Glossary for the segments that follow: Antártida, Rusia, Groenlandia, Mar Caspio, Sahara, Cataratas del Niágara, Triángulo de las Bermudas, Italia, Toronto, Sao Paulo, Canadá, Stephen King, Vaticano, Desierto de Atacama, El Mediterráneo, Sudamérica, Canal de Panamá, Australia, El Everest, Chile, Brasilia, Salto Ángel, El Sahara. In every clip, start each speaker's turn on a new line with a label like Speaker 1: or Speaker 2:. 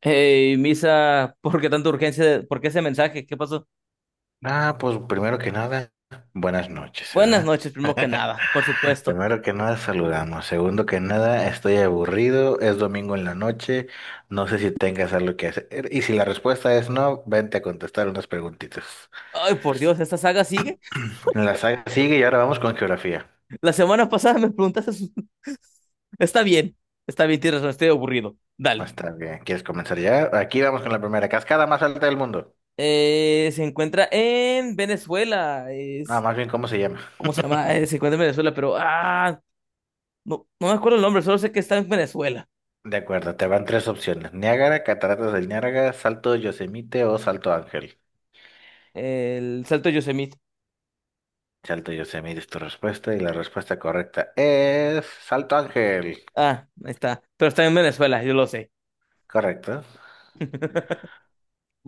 Speaker 1: Hey, Misa, ¿por qué tanta urgencia? ¿Por qué ese mensaje? ¿Qué pasó?
Speaker 2: Ah, pues primero que nada, buenas noches,
Speaker 1: Buenas
Speaker 2: ¿verdad?
Speaker 1: noches, primero que nada, por supuesto.
Speaker 2: Primero que nada, saludamos. Segundo que nada, estoy aburrido, es domingo en la noche, no sé si tengas algo que hacer. Y si la respuesta es no, vente a contestar unas preguntitas.
Speaker 1: Ay, por Dios, ¿esta saga sigue?
Speaker 2: La saga sigue y ahora vamos con geografía.
Speaker 1: La semana pasada me preguntaste. Está bien, está bien, tienes razón, estoy aburrido. Dale.
Speaker 2: Está bien, ¿quieres comenzar ya? Aquí vamos con la primera, cascada más alta del mundo.
Speaker 1: Se encuentra en Venezuela.
Speaker 2: No, más bien, ¿cómo se llama?
Speaker 1: ¿Cómo se llama? Se encuentra en Venezuela, pero no, me acuerdo el nombre, solo sé que está en Venezuela.
Speaker 2: De acuerdo, te van tres opciones. Niágara, Cataratas del Niágara, Salto Yosemite o Salto Ángel.
Speaker 1: El Salto de Yosemite.
Speaker 2: Salto Yosemite es tu respuesta y la respuesta correcta es Salto Ángel.
Speaker 1: Ah, ahí está. Pero está en Venezuela, yo lo sé.
Speaker 2: Correcto.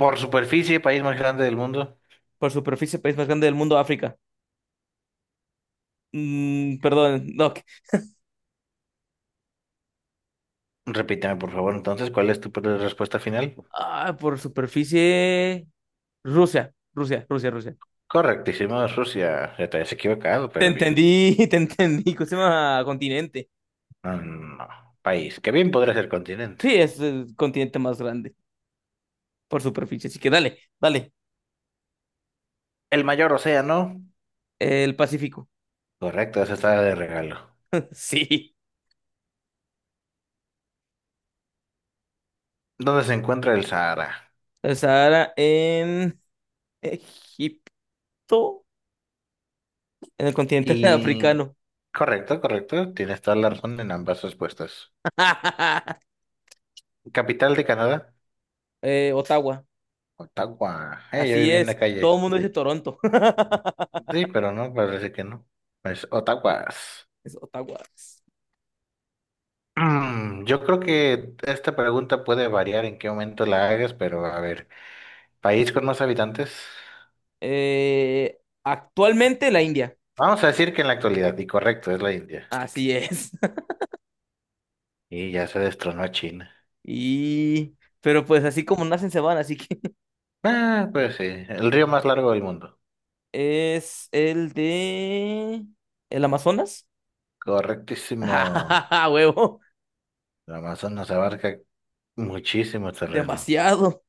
Speaker 2: Por superficie, país más grande del mundo.
Speaker 1: Por superficie, país más grande del mundo, África. Mm, perdón, no.
Speaker 2: Repítame por favor, entonces, ¿cuál es tu respuesta final?
Speaker 1: Ah, por superficie. Rusia, Rusia, Rusia, Rusia.
Speaker 2: Correctísimo, Rusia. Ya te habías equivocado,
Speaker 1: Te
Speaker 2: pero bien.
Speaker 1: entendí, te entendí. ¿Cómo se llama? Continente.
Speaker 2: No, no, no. País, que bien podría ser continente.
Speaker 1: Sí, es el continente más grande por superficie. Así que dale, dale.
Speaker 2: El mayor océano.
Speaker 1: El Pacífico.
Speaker 2: Correcto, esa está de regalo.
Speaker 1: Sí.
Speaker 2: ¿Dónde se encuentra el Sahara?
Speaker 1: El Sahara en Egipto, en el continente
Speaker 2: Y...
Speaker 1: africano.
Speaker 2: Correcto, correcto. Tienes toda la razón en ambas respuestas. ¿Capital de Canadá?
Speaker 1: Ottawa.
Speaker 2: Otagua. Yo
Speaker 1: Así
Speaker 2: viví en la
Speaker 1: es. Todo el
Speaker 2: calle.
Speaker 1: mundo dice Toronto.
Speaker 2: Sí, pero no, parece que no. Pues Otaguas.
Speaker 1: Es Ottawa.
Speaker 2: Yo creo que esta pregunta puede variar en qué momento la hagas, pero a ver, país con más habitantes.
Speaker 1: Eh, Actualmente la India.
Speaker 2: Vamos a decir que en la actualidad, y correcto, es la India.
Speaker 1: Así es.
Speaker 2: Y ya se destronó a China.
Speaker 1: Y... Pero pues así como nacen se van, así que
Speaker 2: Ah, pues sí, el río más largo del mundo.
Speaker 1: es el de... ¿El Amazonas?
Speaker 2: Correctísimo.
Speaker 1: ¡Ah, huevo!
Speaker 2: El Amazonas abarca muchísimo terreno.
Speaker 1: Demasiado.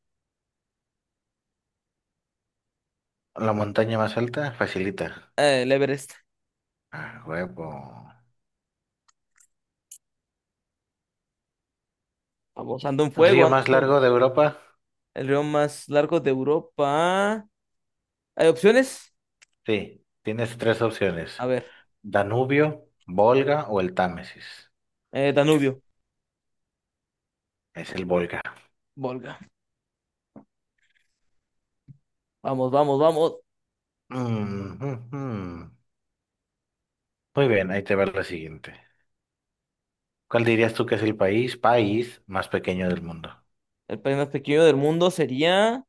Speaker 2: La montaña más alta facilita.
Speaker 1: El Everest.
Speaker 2: Ah, huevo.
Speaker 1: Vamos, ando en fuego,
Speaker 2: Río
Speaker 1: ando en
Speaker 2: más
Speaker 1: fuego.
Speaker 2: largo de Europa.
Speaker 1: El río más largo de Europa. ¿Hay opciones?
Speaker 2: Sí, tienes tres opciones.
Speaker 1: A ver.
Speaker 2: Danubio, Volga o el Támesis.
Speaker 1: Danubio.
Speaker 2: Es el Volga.
Speaker 1: Volga. Vamos, vamos, vamos.
Speaker 2: Mm, mm, mm. Muy bien, ahí te va la siguiente. ¿Cuál dirías tú que es el país más pequeño del mundo?
Speaker 1: El país más pequeño del mundo sería...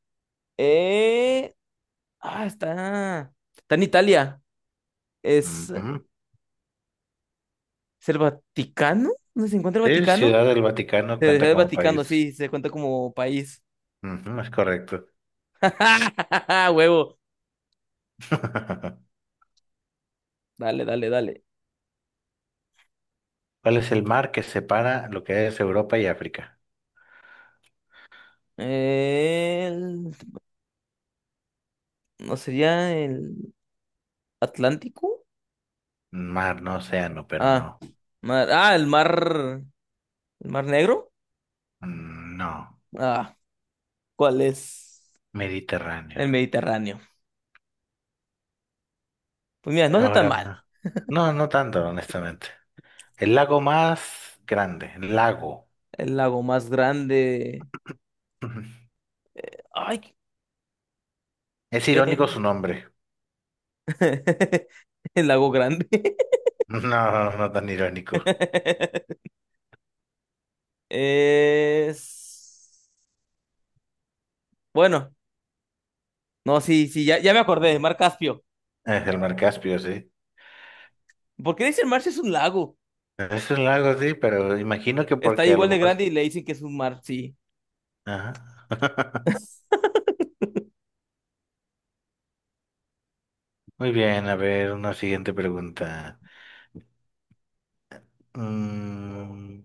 Speaker 1: eh, Ah, está. Está en Italia. ¿Es,
Speaker 2: Ujú.
Speaker 1: ¿Es el Vaticano? ¿Dónde se encuentra el
Speaker 2: Sí,
Speaker 1: Vaticano?
Speaker 2: Ciudad del Vaticano
Speaker 1: Se dejó
Speaker 2: cuenta
Speaker 1: el
Speaker 2: como
Speaker 1: Vaticano,
Speaker 2: país.
Speaker 1: sí, se cuenta como país.
Speaker 2: Ujú, es correcto.
Speaker 1: Huevo. Dale, dale, dale.
Speaker 2: ¿Cuál es el mar que separa lo que es Europa y África?
Speaker 1: El- ¿No sería el Atlántico?
Speaker 2: Mar, no océano, pero
Speaker 1: Ah,
Speaker 2: no.
Speaker 1: mar... ah, el mar. ¿El mar Negro?
Speaker 2: Mm. No,
Speaker 1: Ah, ¿cuál es?
Speaker 2: Mediterráneo.
Speaker 1: El Mediterráneo. Pues mira, no está tan
Speaker 2: Ahora,
Speaker 1: mal.
Speaker 2: no, no tanto, honestamente. El lago más grande, el lago.
Speaker 1: El lago más grande.
Speaker 2: Ujú.
Speaker 1: Ay,
Speaker 2: Es
Speaker 1: eh,
Speaker 2: irónico su nombre.
Speaker 1: el lago grande.
Speaker 2: No, no, no tan irónico.
Speaker 1: Es. Bueno, no, sí, sí, ya, ya me acordé, Mar Caspio.
Speaker 2: Es el mar Caspio, sí.
Speaker 1: ¿Por qué le dicen mar si es un lago?
Speaker 2: Es un lago, sí, pero imagino que
Speaker 1: Está
Speaker 2: porque a lo
Speaker 1: igual de
Speaker 2: mejor...
Speaker 1: grande y le dicen que es un mar, sí.
Speaker 2: Ajá. Muy bien, a ver, una siguiente pregunta. Mm,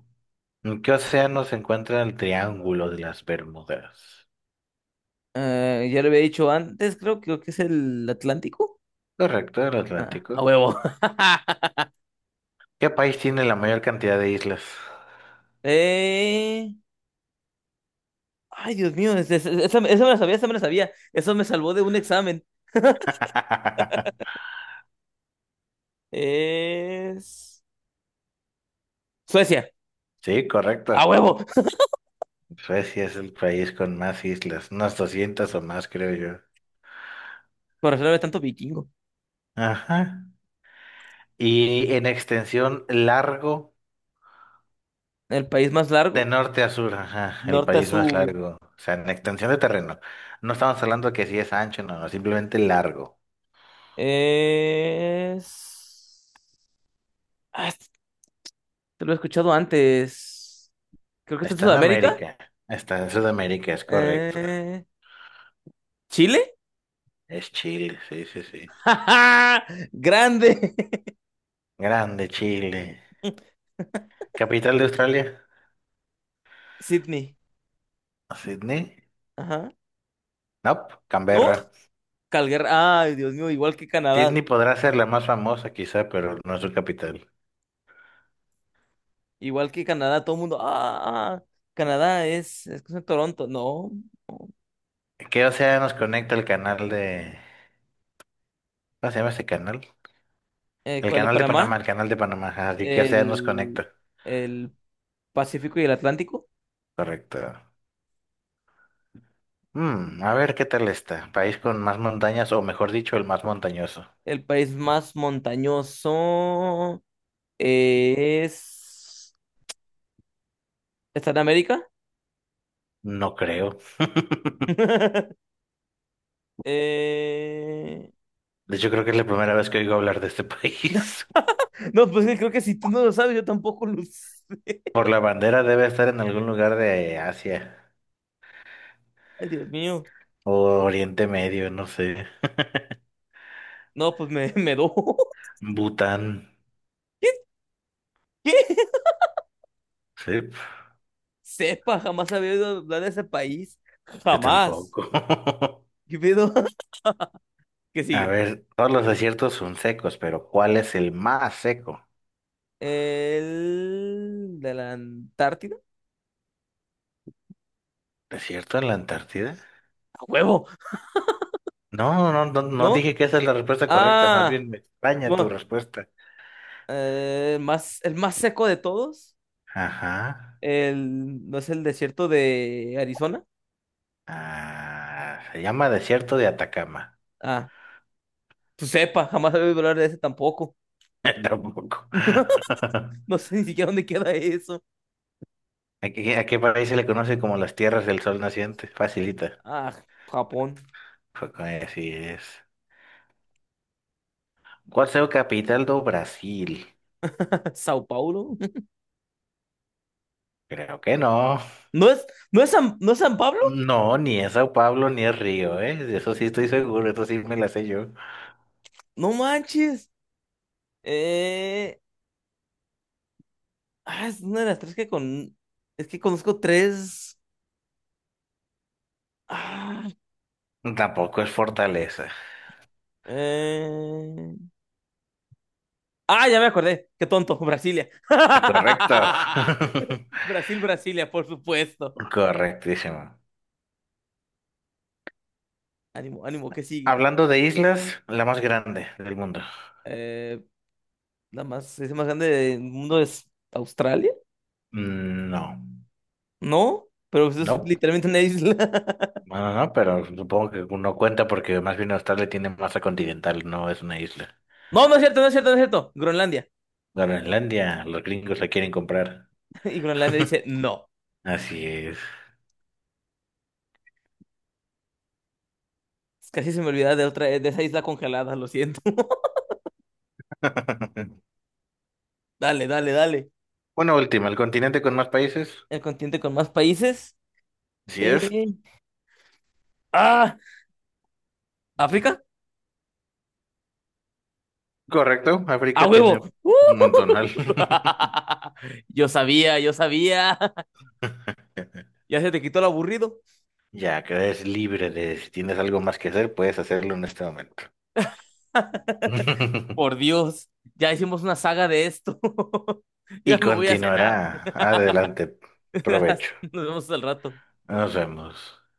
Speaker 2: ¿En qué océano se encuentra el Triángulo de las Bermudas?
Speaker 1: Ya lo había dicho antes, creo, creo que es el Atlántico.
Speaker 2: Correcto, el
Speaker 1: Ah, a
Speaker 2: Atlántico.
Speaker 1: huevo.
Speaker 2: ¿Qué país tiene la mayor cantidad de islas?
Speaker 1: Eh, Ay, Dios mío, esa, esa me la sabía, esa me la sabía. Eso me salvó de un examen. Es Suecia,
Speaker 2: Sí,
Speaker 1: a
Speaker 2: correcto.
Speaker 1: huevo.
Speaker 2: Suecia es el país con más islas, unas 200 o más, creo yo.
Speaker 1: Por eso no había tanto vikingo.
Speaker 2: Ajá. Y en extensión largo,
Speaker 1: El país más
Speaker 2: de
Speaker 1: largo,
Speaker 2: norte a sur, ajá, el
Speaker 1: norte a
Speaker 2: país más
Speaker 1: sur.
Speaker 2: largo. O sea, en extensión de terreno. No estamos hablando que si es ancho, no, no, simplemente largo.
Speaker 1: Es... Ah, este- Te lo he escuchado antes. Creo que está en
Speaker 2: Está en
Speaker 1: Sudamérica.
Speaker 2: América, está en Sudamérica, es correcto.
Speaker 1: Eh, ¿Chile?
Speaker 2: Es Chile, sí, sí, sí.
Speaker 1: ¡Ja, ja! Grande.
Speaker 2: Grande Chile. ¿Capital de Australia?
Speaker 1: Sydney.
Speaker 2: ¿Sydney?
Speaker 1: Ajá.
Speaker 2: No,
Speaker 1: ¿No?
Speaker 2: Canberra.
Speaker 1: Calgary. Ay, Dios mío, igual que Canadá.
Speaker 2: Sydney podrá ser la más famosa quizá, pero no es su capital.
Speaker 1: Igual que Canadá, todo el mundo. Canadá es cosa de Toronto. No.
Speaker 2: Que o sea, nos conecta el canal de... ¿Cómo se llama ese canal? El
Speaker 1: ¿Cuál es?
Speaker 2: canal de Panamá,
Speaker 1: Panamá.
Speaker 2: el canal de Panamá, ajá. Así que o sea, nos
Speaker 1: El,
Speaker 2: conecta.
Speaker 1: el Pacífico y el Atlántico.
Speaker 2: Correcto. A ver qué tal está. País con más montañas, o mejor dicho, el más montañoso.
Speaker 1: El país más montañoso es... ¿Está en América?
Speaker 2: No creo.
Speaker 1: Eh,
Speaker 2: De hecho, creo que es la primera vez que oigo hablar de este país.
Speaker 1: No, pues creo que si tú no lo sabes, yo tampoco lo sé.
Speaker 2: Por la bandera debe estar en algún lugar de Asia
Speaker 1: Ay, Dios mío.
Speaker 2: o Oriente Medio, no sé.
Speaker 1: No, pues me do.
Speaker 2: Bután.
Speaker 1: ¿Qué? ¿Qué?
Speaker 2: Sí,
Speaker 1: Sepa, jamás había oído hablar de ese país.
Speaker 2: yo
Speaker 1: Jamás.
Speaker 2: tampoco.
Speaker 1: ¿Qué pedo? ¿Qué
Speaker 2: A
Speaker 1: sigue?
Speaker 2: ver, todos los desiertos son secos, pero ¿cuál es el más seco?
Speaker 1: El de la Antártida.
Speaker 2: ¿Desierto en la Antártida?
Speaker 1: A huevo,
Speaker 2: No, no, no, no
Speaker 1: ¿no?
Speaker 2: dije que esa es la respuesta correcta, más
Speaker 1: Ah,
Speaker 2: bien me extraña tu
Speaker 1: bueno,
Speaker 2: respuesta.
Speaker 1: el más seco de todos.
Speaker 2: Ajá.
Speaker 1: ¿No es el desierto de Arizona?
Speaker 2: Ah, se llama Desierto de Atacama.
Speaker 1: Ah, pues sepa, jamás había oído hablar de ese tampoco.
Speaker 2: Tampoco.
Speaker 1: No sé ni siquiera dónde queda eso.
Speaker 2: A qué país se le conoce como las tierras del sol naciente? Facilita.
Speaker 1: Ah, Japón,
Speaker 2: Así es. ¿Cuál es la capital de Brasil?
Speaker 1: Sao Paulo.
Speaker 2: Creo que no.
Speaker 1: ¿No es, ¿No es San Pablo?
Speaker 2: No, ni es Sao Paulo ni es Río, ¿eh? De eso sí estoy seguro, eso sí me la sé yo.
Speaker 1: No manches. Eh, es una de las tres que con... Es que conozco tres... Ah,
Speaker 2: Tampoco es Fortaleza.
Speaker 1: eh... ya me acordé. Qué tonto. Brasilia.
Speaker 2: Correcto.
Speaker 1: Brasil, Brasilia, por supuesto.
Speaker 2: Correctísimo.
Speaker 1: Ánimo, ánimo, ¿qué sigue? ¿Qué
Speaker 2: Hablando
Speaker 1: sigue?
Speaker 2: de islas, la más grande del mundo.
Speaker 1: Eh, es más grande del mundo es Australia,
Speaker 2: Mm, no,
Speaker 1: ¿no? Pero pues es
Speaker 2: no,
Speaker 1: literalmente una isla.
Speaker 2: no, no, no, pero supongo que no cuenta porque más bien Australia tiene masa continental, no es una isla.
Speaker 1: No, no es cierto, no es cierto, no es cierto. Groenlandia.
Speaker 2: Groenlandia, los gringos la quieren comprar.
Speaker 1: Y Groenlandia dice no.
Speaker 2: Así es.
Speaker 1: Casi se me olvidaba de otra, de esa isla congelada, lo siento. Dale, dale, dale.
Speaker 2: Bueno, última, el continente con más países.
Speaker 1: El continente con más países.
Speaker 2: Sí
Speaker 1: Eh,
Speaker 2: es,
Speaker 1: ¡Ah! ¿África?
Speaker 2: correcto,
Speaker 1: ¡A
Speaker 2: África tiene un
Speaker 1: huevo! ¡Uh!
Speaker 2: montonal.
Speaker 1: Yo sabía, yo sabía. Ya se te quitó el aburrido.
Speaker 2: Ya que eres libre de si tienes algo más que hacer, puedes hacerlo en este momento.
Speaker 1: Por Dios, ya hicimos una saga de esto. Ya
Speaker 2: Y
Speaker 1: me voy a cenar.
Speaker 2: continuará. Adelante. Provecho.
Speaker 1: Nos vemos al rato.
Speaker 2: Nos vemos.